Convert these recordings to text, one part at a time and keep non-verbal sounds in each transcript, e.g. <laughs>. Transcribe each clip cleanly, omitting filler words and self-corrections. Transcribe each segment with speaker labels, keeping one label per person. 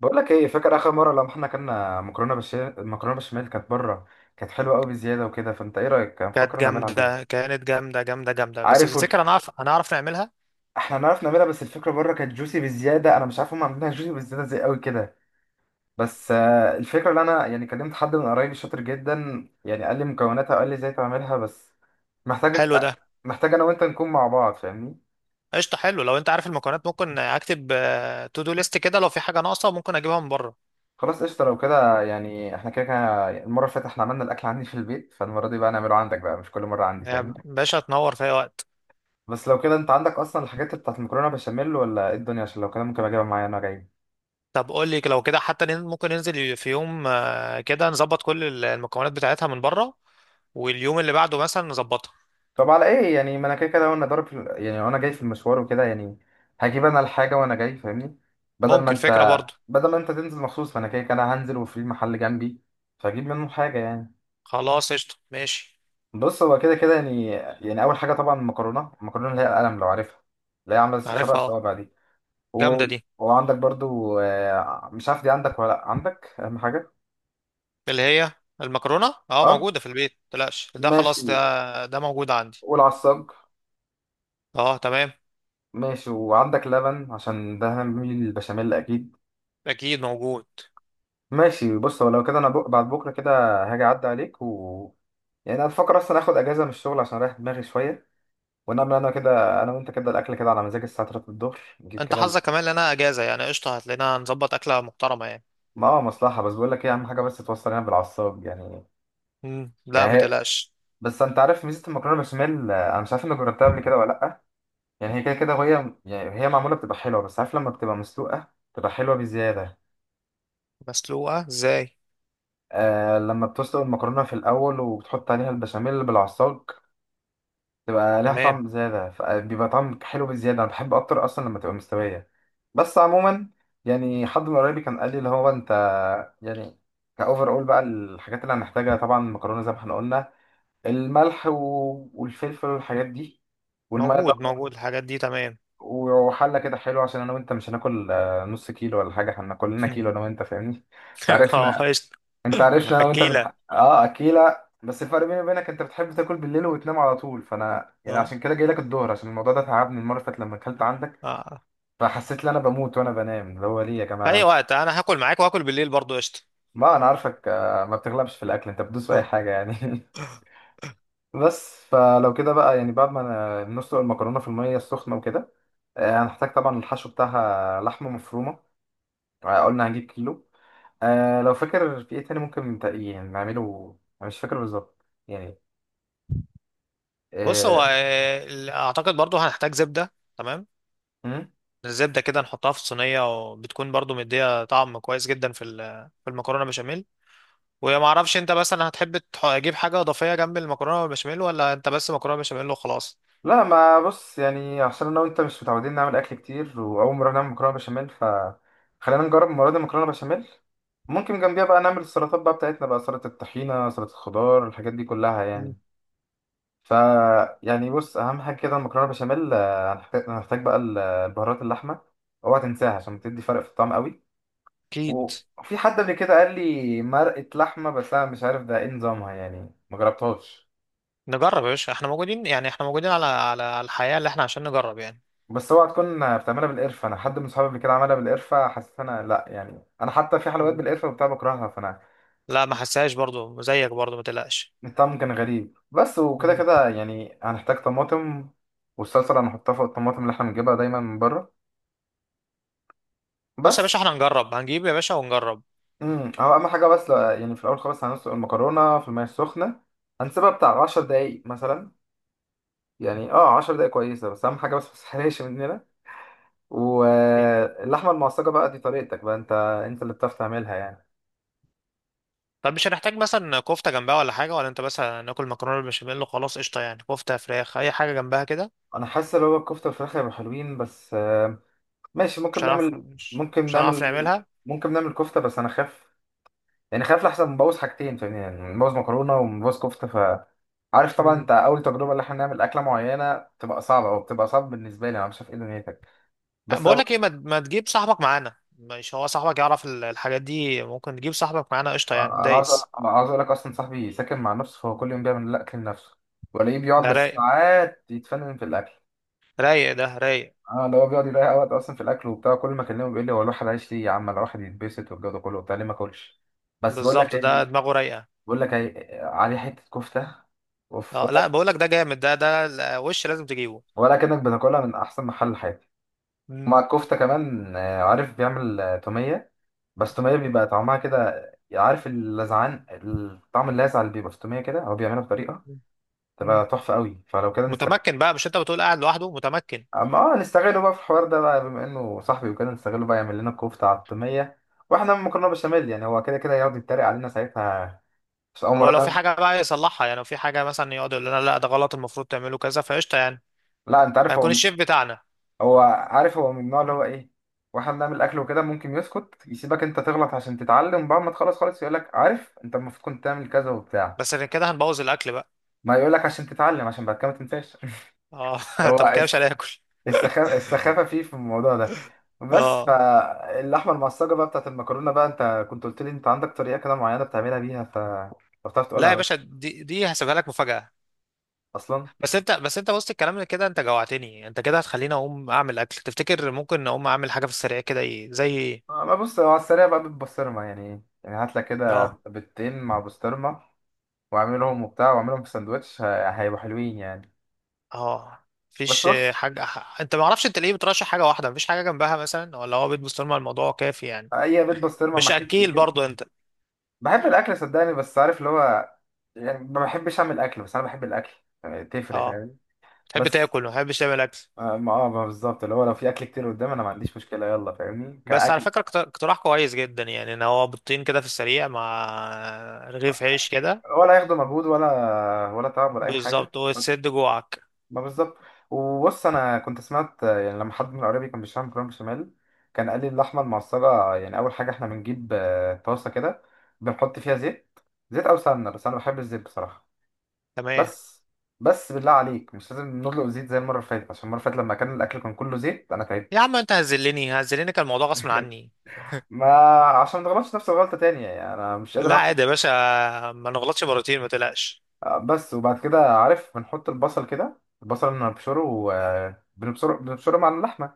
Speaker 1: بقول لك ايه، فاكر اخر مره لما احنا كنا مكرونه بالشمال؟ المكرونه بالبشاميل كانت بره، كانت حلوه قوي بزياده وكده. فانت ايه رايك؟ انا
Speaker 2: كانت
Speaker 1: بفكر نعملها عندنا.
Speaker 2: جامدة كانت جامدة جامدة جامدة. بس
Speaker 1: عارف
Speaker 2: تفتكر هنعرف نعملها؟
Speaker 1: احنا نعرف نعملها، بس الفكره بره كانت جوسي بزياده. انا مش عارف هم عاملينها جوسي بزياده زي قوي كده. بس الفكره اللي انا يعني كلمت حد من قرايبي شاطر جدا، يعني قال لي مكوناتها وقال لي ازاي تعملها. بس محتاج
Speaker 2: حلو ده.
Speaker 1: محتاج انا وانت نكون مع بعض، فاهمني.
Speaker 2: قشطة، حلو. لو انت عارف المكونات ممكن اكتب تو دو ليست كده، لو في حاجة ناقصة ممكن اجيبها من بره.
Speaker 1: خلاص قشطه، لو كده يعني احنا كده كده. المره اللي فاتت احنا عملنا الاكل عندي في البيت، فالمره دي بقى نعمله عندك بقى، مش كل مره عندي،
Speaker 2: يا
Speaker 1: فاهمني.
Speaker 2: باشا تنور في اي وقت.
Speaker 1: بس لو كده، انت عندك اصلا الحاجات بتاعت المكرونه بشاميل ولا ايه الدنيا؟ عشان لو كده ممكن اجيبها معايا انا جاي.
Speaker 2: طب قول لي، لو كده حتى ممكن ننزل في يوم، كده نظبط كل المكونات بتاعتها من بره، واليوم اللي بعده مثلا نظبطها.
Speaker 1: طب على ايه يعني، ما انا كده كده وانا ضارب يعني وانا جاي في المشوار وكده يعني. هجيب انا الحاجه وانا جاي، فاهمني. بدل ما
Speaker 2: ممكن فكرة
Speaker 1: انت
Speaker 2: برضه.
Speaker 1: بدل ما انت تنزل مخصوص، فانا كده كده هنزل وفي محل جنبي. فاجيب منه حاجه يعني.
Speaker 2: خلاص قشطة ماشي.
Speaker 1: بص، هو كده كده يعني. يعني اول حاجه طبعا المكرونه اللي هي القلم، لو عارفها. اللي هي عامله شبه
Speaker 2: عارفها اه.
Speaker 1: الصوابع دي. و...
Speaker 2: جامدة دي.
Speaker 1: وعندك برضو، مش عارف دي عندك ولا لأ. عندك اهم حاجه.
Speaker 2: اللي هي المكرونة اه،
Speaker 1: اه.
Speaker 2: موجودة في البيت متقلقش، ده
Speaker 1: ماشي.
Speaker 2: خلاص، ده موجود عندي.
Speaker 1: والعصاج.
Speaker 2: اه تمام.
Speaker 1: ماشي. وعندك لبن؟ عشان ده هنعمل البشاميل اكيد.
Speaker 2: اكيد موجود.
Speaker 1: ماشي، بص هو لو كده بعد بكره كده هاجي اعدي عليك. و يعني انا بفكر اصلا اخد اجازه من الشغل عشان اريح دماغي شويه، ونعمل انا كده انا وانت كده الاكل كده على مزاج الساعه 3 الظهر، نجيب
Speaker 2: انت
Speaker 1: كده.
Speaker 2: حظك كمان لنا اجازه يعني، قشطه. هتلاقينا نظبط اكله محترمه يعني.
Speaker 1: ما هو مصلحه، بس بقول لك ايه، اهم حاجه بس توصل هنا بالعصاب يعني.
Speaker 2: مم. لا
Speaker 1: يعني
Speaker 2: ما
Speaker 1: هي.
Speaker 2: تقلقش.
Speaker 1: بس انت عارف ميزه المكرونه بشاميل، انا مش عارف انك جربتها قبل كده ولا لا. يعني هي كده كده وهي، يعني هي معموله بتبقى حلوه، بس عارف لما بتبقى مسلوقه بتبقى حلوه بزياده.
Speaker 2: مسلوقه ازاي؟
Speaker 1: آه، لما بتسلق المكرونة في الأول وبتحط عليها البشاميل بالعصاج، تبقى ليها
Speaker 2: تمام،
Speaker 1: طعم زيادة، بيبقى طعم حلو بزيادة. أنا بحب أكتر أصلا لما تبقى مستوية. بس عموما، يعني حد من قرايبي كان قال لي اللي هو أنت، يعني، كأوفر أول بقى الحاجات اللي هنحتاجها، طبعا المكرونة زي ما احنا قلنا، الملح والفلفل والحاجات دي، والمية
Speaker 2: موجود
Speaker 1: طبعا.
Speaker 2: موجود الحاجات دي تمام.
Speaker 1: وحلة كده حلوة، عشان أنا وأنت مش هناكل نص كيلو ولا حاجة. احنا كلنا
Speaker 2: مم.
Speaker 1: كيلو أنا وأنت، فاهمني.
Speaker 2: <laughs> اه
Speaker 1: تعرفنا.
Speaker 2: قشطه.
Speaker 1: انت عارفني انا وانت
Speaker 2: اكيله.
Speaker 1: بنح... اه اكيلة، بس الفرق بيني وبينك انت بتحب تاكل بالليل وتنام على طول، فانا يعني
Speaker 2: اه.
Speaker 1: عشان كده جاي لك الظهر، عشان الموضوع ده تعبني المره اللي فاتت لما اكلت عندك.
Speaker 2: اه،
Speaker 1: فحسيت ان انا بموت وانا بنام، اللي هو ليه يا جماعه
Speaker 2: في اي
Speaker 1: انا.
Speaker 2: وقت انا هاكل معاك، واكل بالليل برضو قشطه.
Speaker 1: ما انا عارفك، ما بتغلبش في الاكل، انت بتدوس في اي
Speaker 2: آه.
Speaker 1: حاجه يعني. <laughs> بس فلو كده بقى يعني، بعد ما نسلق المكرونه في الميه السخنه وكده. هنحتاج طبعا الحشو بتاعها لحمه مفرومه. قلنا هنجيب كيلو. لو فاكر في ايه تاني ممكن يعني نعمله، انا مش فاكر بالظبط يعني.
Speaker 2: بص هو،
Speaker 1: آه،
Speaker 2: اعتقد برضو هنحتاج زبده. تمام، الزبده كده نحطها في الصينيه، وبتكون برضو مديه طعم كويس جدا في في المكرونه بشاميل. وما اعرفش انت مثلا هتحب تجيب حاجه اضافيه جنب المكرونه والبشاميل، ولا انت بس مكرونه بشاميل وخلاص؟
Speaker 1: لا ما بص يعني عشان انا وانت مش متعودين نعمل اكل كتير، واول مره نعمل مكرونه بشاميل ف خلينا نجرب المره دي مكرونه بشاميل. ممكن جنبيها بقى نعمل السلطات بقى بتاعتنا، بقى سلطه الطحينه، سلطه الخضار، الحاجات دي كلها
Speaker 2: مم.
Speaker 1: يعني. ف يعني بص، اهم حاجه كده المكرونه بشاميل. هنحتاج بقى البهارات، اللحمه اوعى تنساها عشان بتدي فرق في الطعم قوي.
Speaker 2: اكيد.
Speaker 1: وفي حد قبل كده قال لي مرقه لحمه، بس انا مش عارف ده ايه نظامها، يعني ما جربتهاش.
Speaker 2: نجرب يا باشا، احنا موجودين يعني، احنا موجودين على الحياه اللي احنا، عشان نجرب يعني.
Speaker 1: بس اوعى تكون بتعملها بالقرفه. انا حد من صحابي قبل كده عملها بالقرفه، حسيت انا لا يعني، انا حتى في حلويات
Speaker 2: مم.
Speaker 1: بالقرفه وبتاع بكرهها فانا،
Speaker 2: لا ما حسهاش برضو زيك، برضو ما تقلقش.
Speaker 1: الطعم كان غريب بس. وكده
Speaker 2: مم.
Speaker 1: كده يعني هنحتاج طماطم، والصلصه اللي هنحطها فوق الطماطم، اللي احنا بنجيبها دايما من بره.
Speaker 2: بص يا باشا
Speaker 1: بس
Speaker 2: احنا هنجرب، هنجيب يا باشا ونجرب.
Speaker 1: هو اهم حاجه، بس لا يعني في الاول خالص هنسلق المكرونه في الميه السخنه، هنسيبها بتاع 10 دقايق مثلا.
Speaker 2: مم.
Speaker 1: يعني 10 دقايق كويسه، بس اهم حاجه بس ما تسحرقش مننا.
Speaker 2: إيه.
Speaker 1: واللحمه المعصجه بقى دي طريقتك بقى انت، انت اللي بتعرف تعملها يعني.
Speaker 2: طب مش هنحتاج مثلا كفته جنبها ولا حاجه، ولا انت بس ناكل مكرونه بالبشاميل وخلاص قشطه؟ يعني كفته، فراخ، اي حاجه جنبها كده.
Speaker 1: انا حاسس ان هو الكفته والفراخ هيبقوا حلوين، بس ماشي.
Speaker 2: مش
Speaker 1: ممكن
Speaker 2: هنعرف،
Speaker 1: نعمل
Speaker 2: مش,
Speaker 1: ممكن
Speaker 2: مش هنعرف
Speaker 1: نعمل
Speaker 2: نعملها.
Speaker 1: ممكن نعمل كفته، بس انا خاف، يعني خاف لحسن نبوظ حاجتين، فاهمني؟ يعني نبوظ مكرونه ونبوظ كفته. ف عارف طبعا
Speaker 2: مم.
Speaker 1: انت اول تجربه اللي احنا نعمل اكله معينه بتبقى صعبه، او بتبقى صعب بالنسبه لي، انا مش عارف ايه دنيتك. بس
Speaker 2: بقول
Speaker 1: لو
Speaker 2: لك ايه، ما تجيب صاحبك معانا؟ مش هو صاحبك يعرف الحاجات دي، ممكن تجيب صاحبك معانا قشطه يعني
Speaker 1: انا عاوز أقول-
Speaker 2: دايس.
Speaker 1: انا عاوز اقول لك، اصلا صاحبي ساكن مع نفسه فهو كل يوم بيعمل الاكل لنفسه. ولاقيه بيقعد
Speaker 2: ده رايق،
Speaker 1: بالساعات يتفنن في الاكل.
Speaker 2: رايق ده رايق.
Speaker 1: اه، اللي هو بيقعد يضيع وقت اصلا في الاكل وبتاع. كل ما اكلمه بيقول لي هو الواحد عايش ليه يا عم؟ انا الواحد يتبسط والجو ده كله وبتاع، ليه ما اكلش. بس بقول لك
Speaker 2: بالظبط،
Speaker 1: ايه
Speaker 2: ده
Speaker 1: دي،
Speaker 2: دماغه رايقه.
Speaker 1: بقول لك ايه، عليه حته كفته، اوف.
Speaker 2: اه لا،
Speaker 1: ولا
Speaker 2: بقول لك ده جامد ده، وش لازم تجيبه.
Speaker 1: ولا كانك بتاكلها من احسن محل، حياتي. ومع
Speaker 2: مم.
Speaker 1: الكفته كمان، عارف بيعمل توميه، بس توميه بيبقى طعمها كده، عارف اللذعان، الطعم اللاذع اللي بيبقى في التوميه كده. هو بيعملها بطريقه
Speaker 2: مم.
Speaker 1: تبقى تحفه قوي. فلو كده نستغل،
Speaker 2: متمكن بقى، مش انت بتقول قاعد لوحده متمكن.
Speaker 1: اما نستغله بقى في الحوار ده بقى بما انه صاحبي وكده، نستغله بقى يعمل لنا كفتة على التومية، واحنا مكرونة بشاميل. يعني هو كده كده يقعد يتريق علينا ساعتها، بس اول
Speaker 2: هو
Speaker 1: مرة
Speaker 2: لو في
Speaker 1: لا.
Speaker 2: حاجه بقى يصلحها يعني، لو في حاجه مثلا يقعد يقول لنا لا ده غلط، المفروض تعمله كذا، فقشطه يعني.
Speaker 1: لا انت عارف هو،
Speaker 2: هيكون الشيف بتاعنا.
Speaker 1: هو عارف، هو من النوع اللي هو ايه، واحنا بنعمل اكل وكده ممكن يسكت يسيبك انت تغلط عشان تتعلم، بعد ما تخلص خالص يقول لك، عارف انت المفروض كنت تعمل كذا وبتاع.
Speaker 2: بس غير كده هنبوظ الاكل بقى.
Speaker 1: ما يقول لك عشان تتعلم، عشان بعد كده ما تنساش.
Speaker 2: اه.
Speaker 1: <laughs>
Speaker 2: <laughs> طب
Speaker 1: هو
Speaker 2: كده مش هناكل؟
Speaker 1: السخافة فيه في الموضوع ده. بس
Speaker 2: اه
Speaker 1: فاللحمة المعصجة بقى بتاعت المكرونة، بقى انت كنت قلت لي انت عندك طريقة كده معينة بتعملها بيها. ف لو بتعرف
Speaker 2: لا
Speaker 1: تقولها،
Speaker 2: يا باشا،
Speaker 1: بس
Speaker 2: دي هسيبها لك مفاجاه.
Speaker 1: اصلا
Speaker 2: بس انت وسط الكلام اللي كده انت جوعتني، انت كده هتخليني اقوم اعمل اكل. تفتكر ممكن اقوم اعمل حاجه في السريع كده، ايه زي ايه؟
Speaker 1: ما بص هو على السريع بقى بالبسطرمة يعني. يعني هات لك كده
Speaker 2: اه.
Speaker 1: بيضتين مع بسطرمة، واعملهم وبتاع واعملهم في سندوتش، هيبقوا حلوين يعني.
Speaker 2: اه.
Speaker 1: بس
Speaker 2: مفيش
Speaker 1: بص،
Speaker 2: حاجه انت، ما اعرفش انت ليه بترشح حاجه واحده مفيش حاجه جنبها مثلا؟ ولا هو بيت بسطرمه الموضوع كافي يعني؟
Speaker 1: اي بيض بسطرمة مع
Speaker 2: مش
Speaker 1: حتة
Speaker 2: اكيل برضو انت؟
Speaker 1: بحب الاكل صدقني، بس عارف اللي هو، يعني ما بحبش اعمل اكل، بس انا بحب الاكل، يعني تفرق،
Speaker 2: اه.
Speaker 1: فاهم؟
Speaker 2: تحب
Speaker 1: بس
Speaker 2: تاكل ما تحبش تعمل اكل.
Speaker 1: ما بالظبط اللي هو لو في اكل كتير قدام، انا ما عنديش مشكله، يلا فاهمني
Speaker 2: بس على
Speaker 1: كاكل.
Speaker 2: فكره، اقتراح كويس جدا يعني، ان هو بيضتين كده في السريع مع رغيف عيش كده.
Speaker 1: ولا ياخدوا مجهود، ولا ولا تعب ولا اي حاجه.
Speaker 2: بالظبط، وتسد جوعك.
Speaker 1: ما بالظبط. وبص، انا كنت سمعت يعني لما حد من قرايبي كان بيشتغل مكرونه بشاميل، كان قال لي اللحمه المعصجه يعني اول حاجه احنا بنجيب طاسه كده، بنحط فيها زيت، زيت او سمنه، بس انا بحب الزيت بصراحه.
Speaker 2: تمام.
Speaker 1: بس بس بالله عليك مش لازم نطلق زيت زي المره اللي فاتت، عشان المره اللي فاتت لما كان الاكل كان كله زيت انا تعبت.
Speaker 2: يا عم انت هزلني، هزلني، كان الموضوع غصب
Speaker 1: <laughs>
Speaker 2: عني.
Speaker 1: ما عشان ما تغلطش نفس الغلطه تانية يعني، انا مش قادر
Speaker 2: لا
Speaker 1: اروح.
Speaker 2: عادي يا باشا، ما نغلطش مرتين ما تقلقش.
Speaker 1: بس وبعد كده عارف بنحط البصل كده، البصل بنبشره وبنبشره مع اللحمة.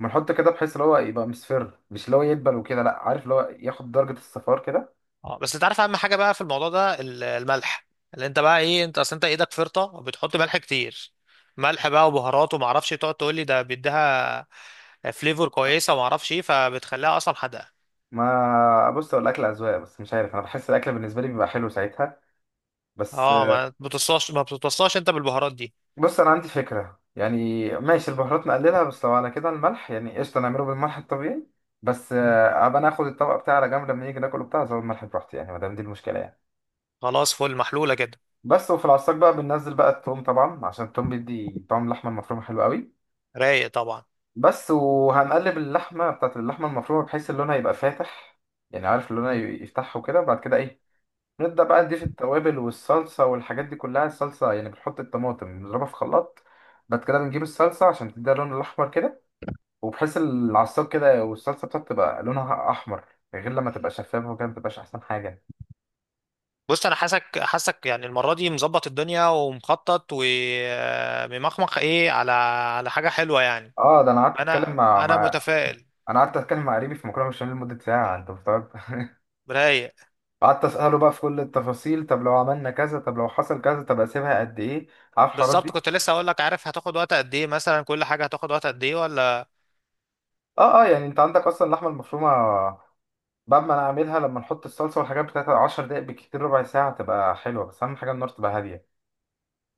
Speaker 1: بنحط كده بحيث اللي هو يبقى مصفر، مش اللي هو يدبل وكده، لا، عارف اللي هو ياخد درجة الصفار كده.
Speaker 2: اه. بس انت عارف اهم حاجه بقى في الموضوع ده، الملح. اللي انت بقى ايه، انت اصل انت ايدك فرطه وبتحط ملح كتير، ملح بقى وبهارات، وما اعرفش تقعد تقول لي ده بيديها فليفر كويسه وما اعرفش ايه، فبتخليها اصلا حادقه.
Speaker 1: ما بص، هو الأكل أذواق، بس مش عارف أنا بحس الأكل بالنسبة لي بيبقى حلو ساعتها. بس
Speaker 2: اه ما بتوصاش، ما بتوصاش انت بالبهارات دي.
Speaker 1: بص، أنا عندي فكرة يعني، ماشي البهارات نقللها. بس لو على كده الملح يعني، قشطة نعمله بالملح الطبيعي. بس
Speaker 2: مم.
Speaker 1: أبقى ناخد الطبق بتاعي على جنب، لما نيجي ناكله بتاع زود الملح براحتي يعني، ما دام دي المشكلة يعني.
Speaker 2: خلاص فل، محلوله كده.
Speaker 1: بس وفي العصاك بقى بننزل بقى التوم طبعا، عشان التوم بيدي طعم اللحمه المفرومه حلو قوي.
Speaker 2: رايق طبعا.
Speaker 1: بس وهنقلب اللحمه بتاعت اللحمه المفرومه بحيث اللون هيبقى فاتح. يعني عارف اللون
Speaker 2: مم.
Speaker 1: يفتحه كده، وبعد كده ايه، نبدا بقى نضيف التوابل والصلصه والحاجات دي كلها. الصلصه يعني بنحط الطماطم بنضربها في خلاط، بعد كده بنجيب الصلصه عشان تديها اللون الاحمر كده، وبحيث العصاك كده والصلصه بتاعته تبقى لونها احمر، غير لما تبقى شفافه وكده ما تبقاش احسن حاجه.
Speaker 2: بص انا حاسك، حاسك يعني المره دي مظبط الدنيا ومخطط وممخمخ ايه، على حاجه حلوه يعني.
Speaker 1: اه، ده انا قعدت اتكلم
Speaker 2: انا
Speaker 1: مع
Speaker 2: انا
Speaker 1: مع
Speaker 2: متفائل.
Speaker 1: انا قعدت اتكلم مع قريبي في مكرونه بشاميل لمده ساعه، انت مستوعب؟ <laughs>
Speaker 2: رايق.
Speaker 1: قعدت اساله بقى في كل التفاصيل، طب لو عملنا كذا، طب لو حصل كذا، طب اسيبها قد ايه، عارف الحوارات
Speaker 2: بالظبط،
Speaker 1: دي.
Speaker 2: كنت لسه اقول لك، عارف هتاخد وقت قد ايه؟ مثلا كل حاجه هتاخد وقت قد ايه ولا؟
Speaker 1: اه، اه، يعني انت عندك اصلا اللحمه المفرومه. بعد ما انا اعملها لما نحط الصلصه والحاجات بتاعتها 10 دقائق بالكتير، ربع ساعه تبقى حلوه. بس اهم حاجه النار تبقى هاديه.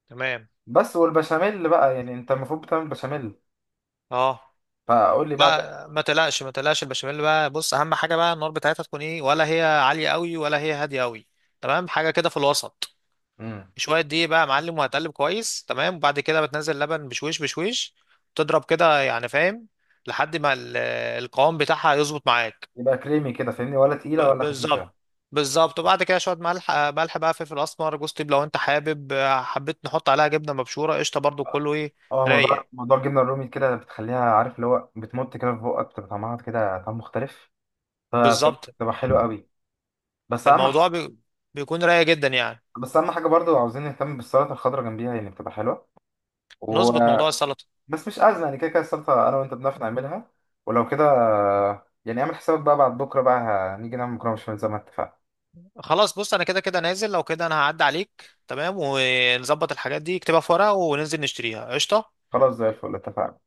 Speaker 2: تمام.
Speaker 1: بس والبشاميل بقى يعني، انت المفروض بتعمل بشاميل،
Speaker 2: اه
Speaker 1: فقول لي بقى. طب
Speaker 2: لا ما تقلقش، ما تقلقش. البشاميل بقى، بص اهم حاجه بقى النار بتاعتها تكون ايه، ولا هي عاليه قوي، ولا هي هاديه قوي. تمام، حاجه كده في الوسط.
Speaker 1: امم،
Speaker 2: شويه دقيق بقى يا معلم، وهتقلب كويس تمام، وبعد كده بتنزل لبن بشويش بشويش، تضرب كده يعني، فاهم، لحد ما القوام بتاعها يظبط معاك.
Speaker 1: يبقى كريمي كده فاهمني، ولا تقيله ولا
Speaker 2: بالظبط،
Speaker 1: خفيفه؟
Speaker 2: بالظبط. وبعد كده شويه ملح، ملح بقى، فلفل اسمر، جوز طيب، لو انت حابب حبيت نحط عليها جبنه مبشوره قشطه برضو كله، ايه.
Speaker 1: اه، موضوع
Speaker 2: رايق.
Speaker 1: موضوع الجبنه الرومي كده بتخليها عارف اللي هو بتمط كده في بقك، بتبقى طعمها كده طعم مختلف،
Speaker 2: بالظبط.
Speaker 1: فبتبقى حلوه قوي. بس اهم
Speaker 2: فالموضوع بيكون رايق جدا يعني.
Speaker 1: بس اهم حاجه برضو عاوزين نهتم بالسلطه الخضراء جنبيها، يعني بتبقى حلوه و...
Speaker 2: نظبط موضوع السلطه.
Speaker 1: بس مش ازمه يعني، كده كده السلطه انا وانت بنعرف نعملها. ولو كده، يعني اعمل حسابك بقى بعد بكره بقى، هنيجي نعمل مكرونه بشاميل زي ما اتفقنا.
Speaker 2: خلاص، بص انا كده كده نازل، لو كده انا هعدي عليك، تمام ونظبط الحاجات دي، اكتبها في ورقه وننزل نشتريها قشطه.
Speaker 1: خلاص زي الفل، اتفقنا.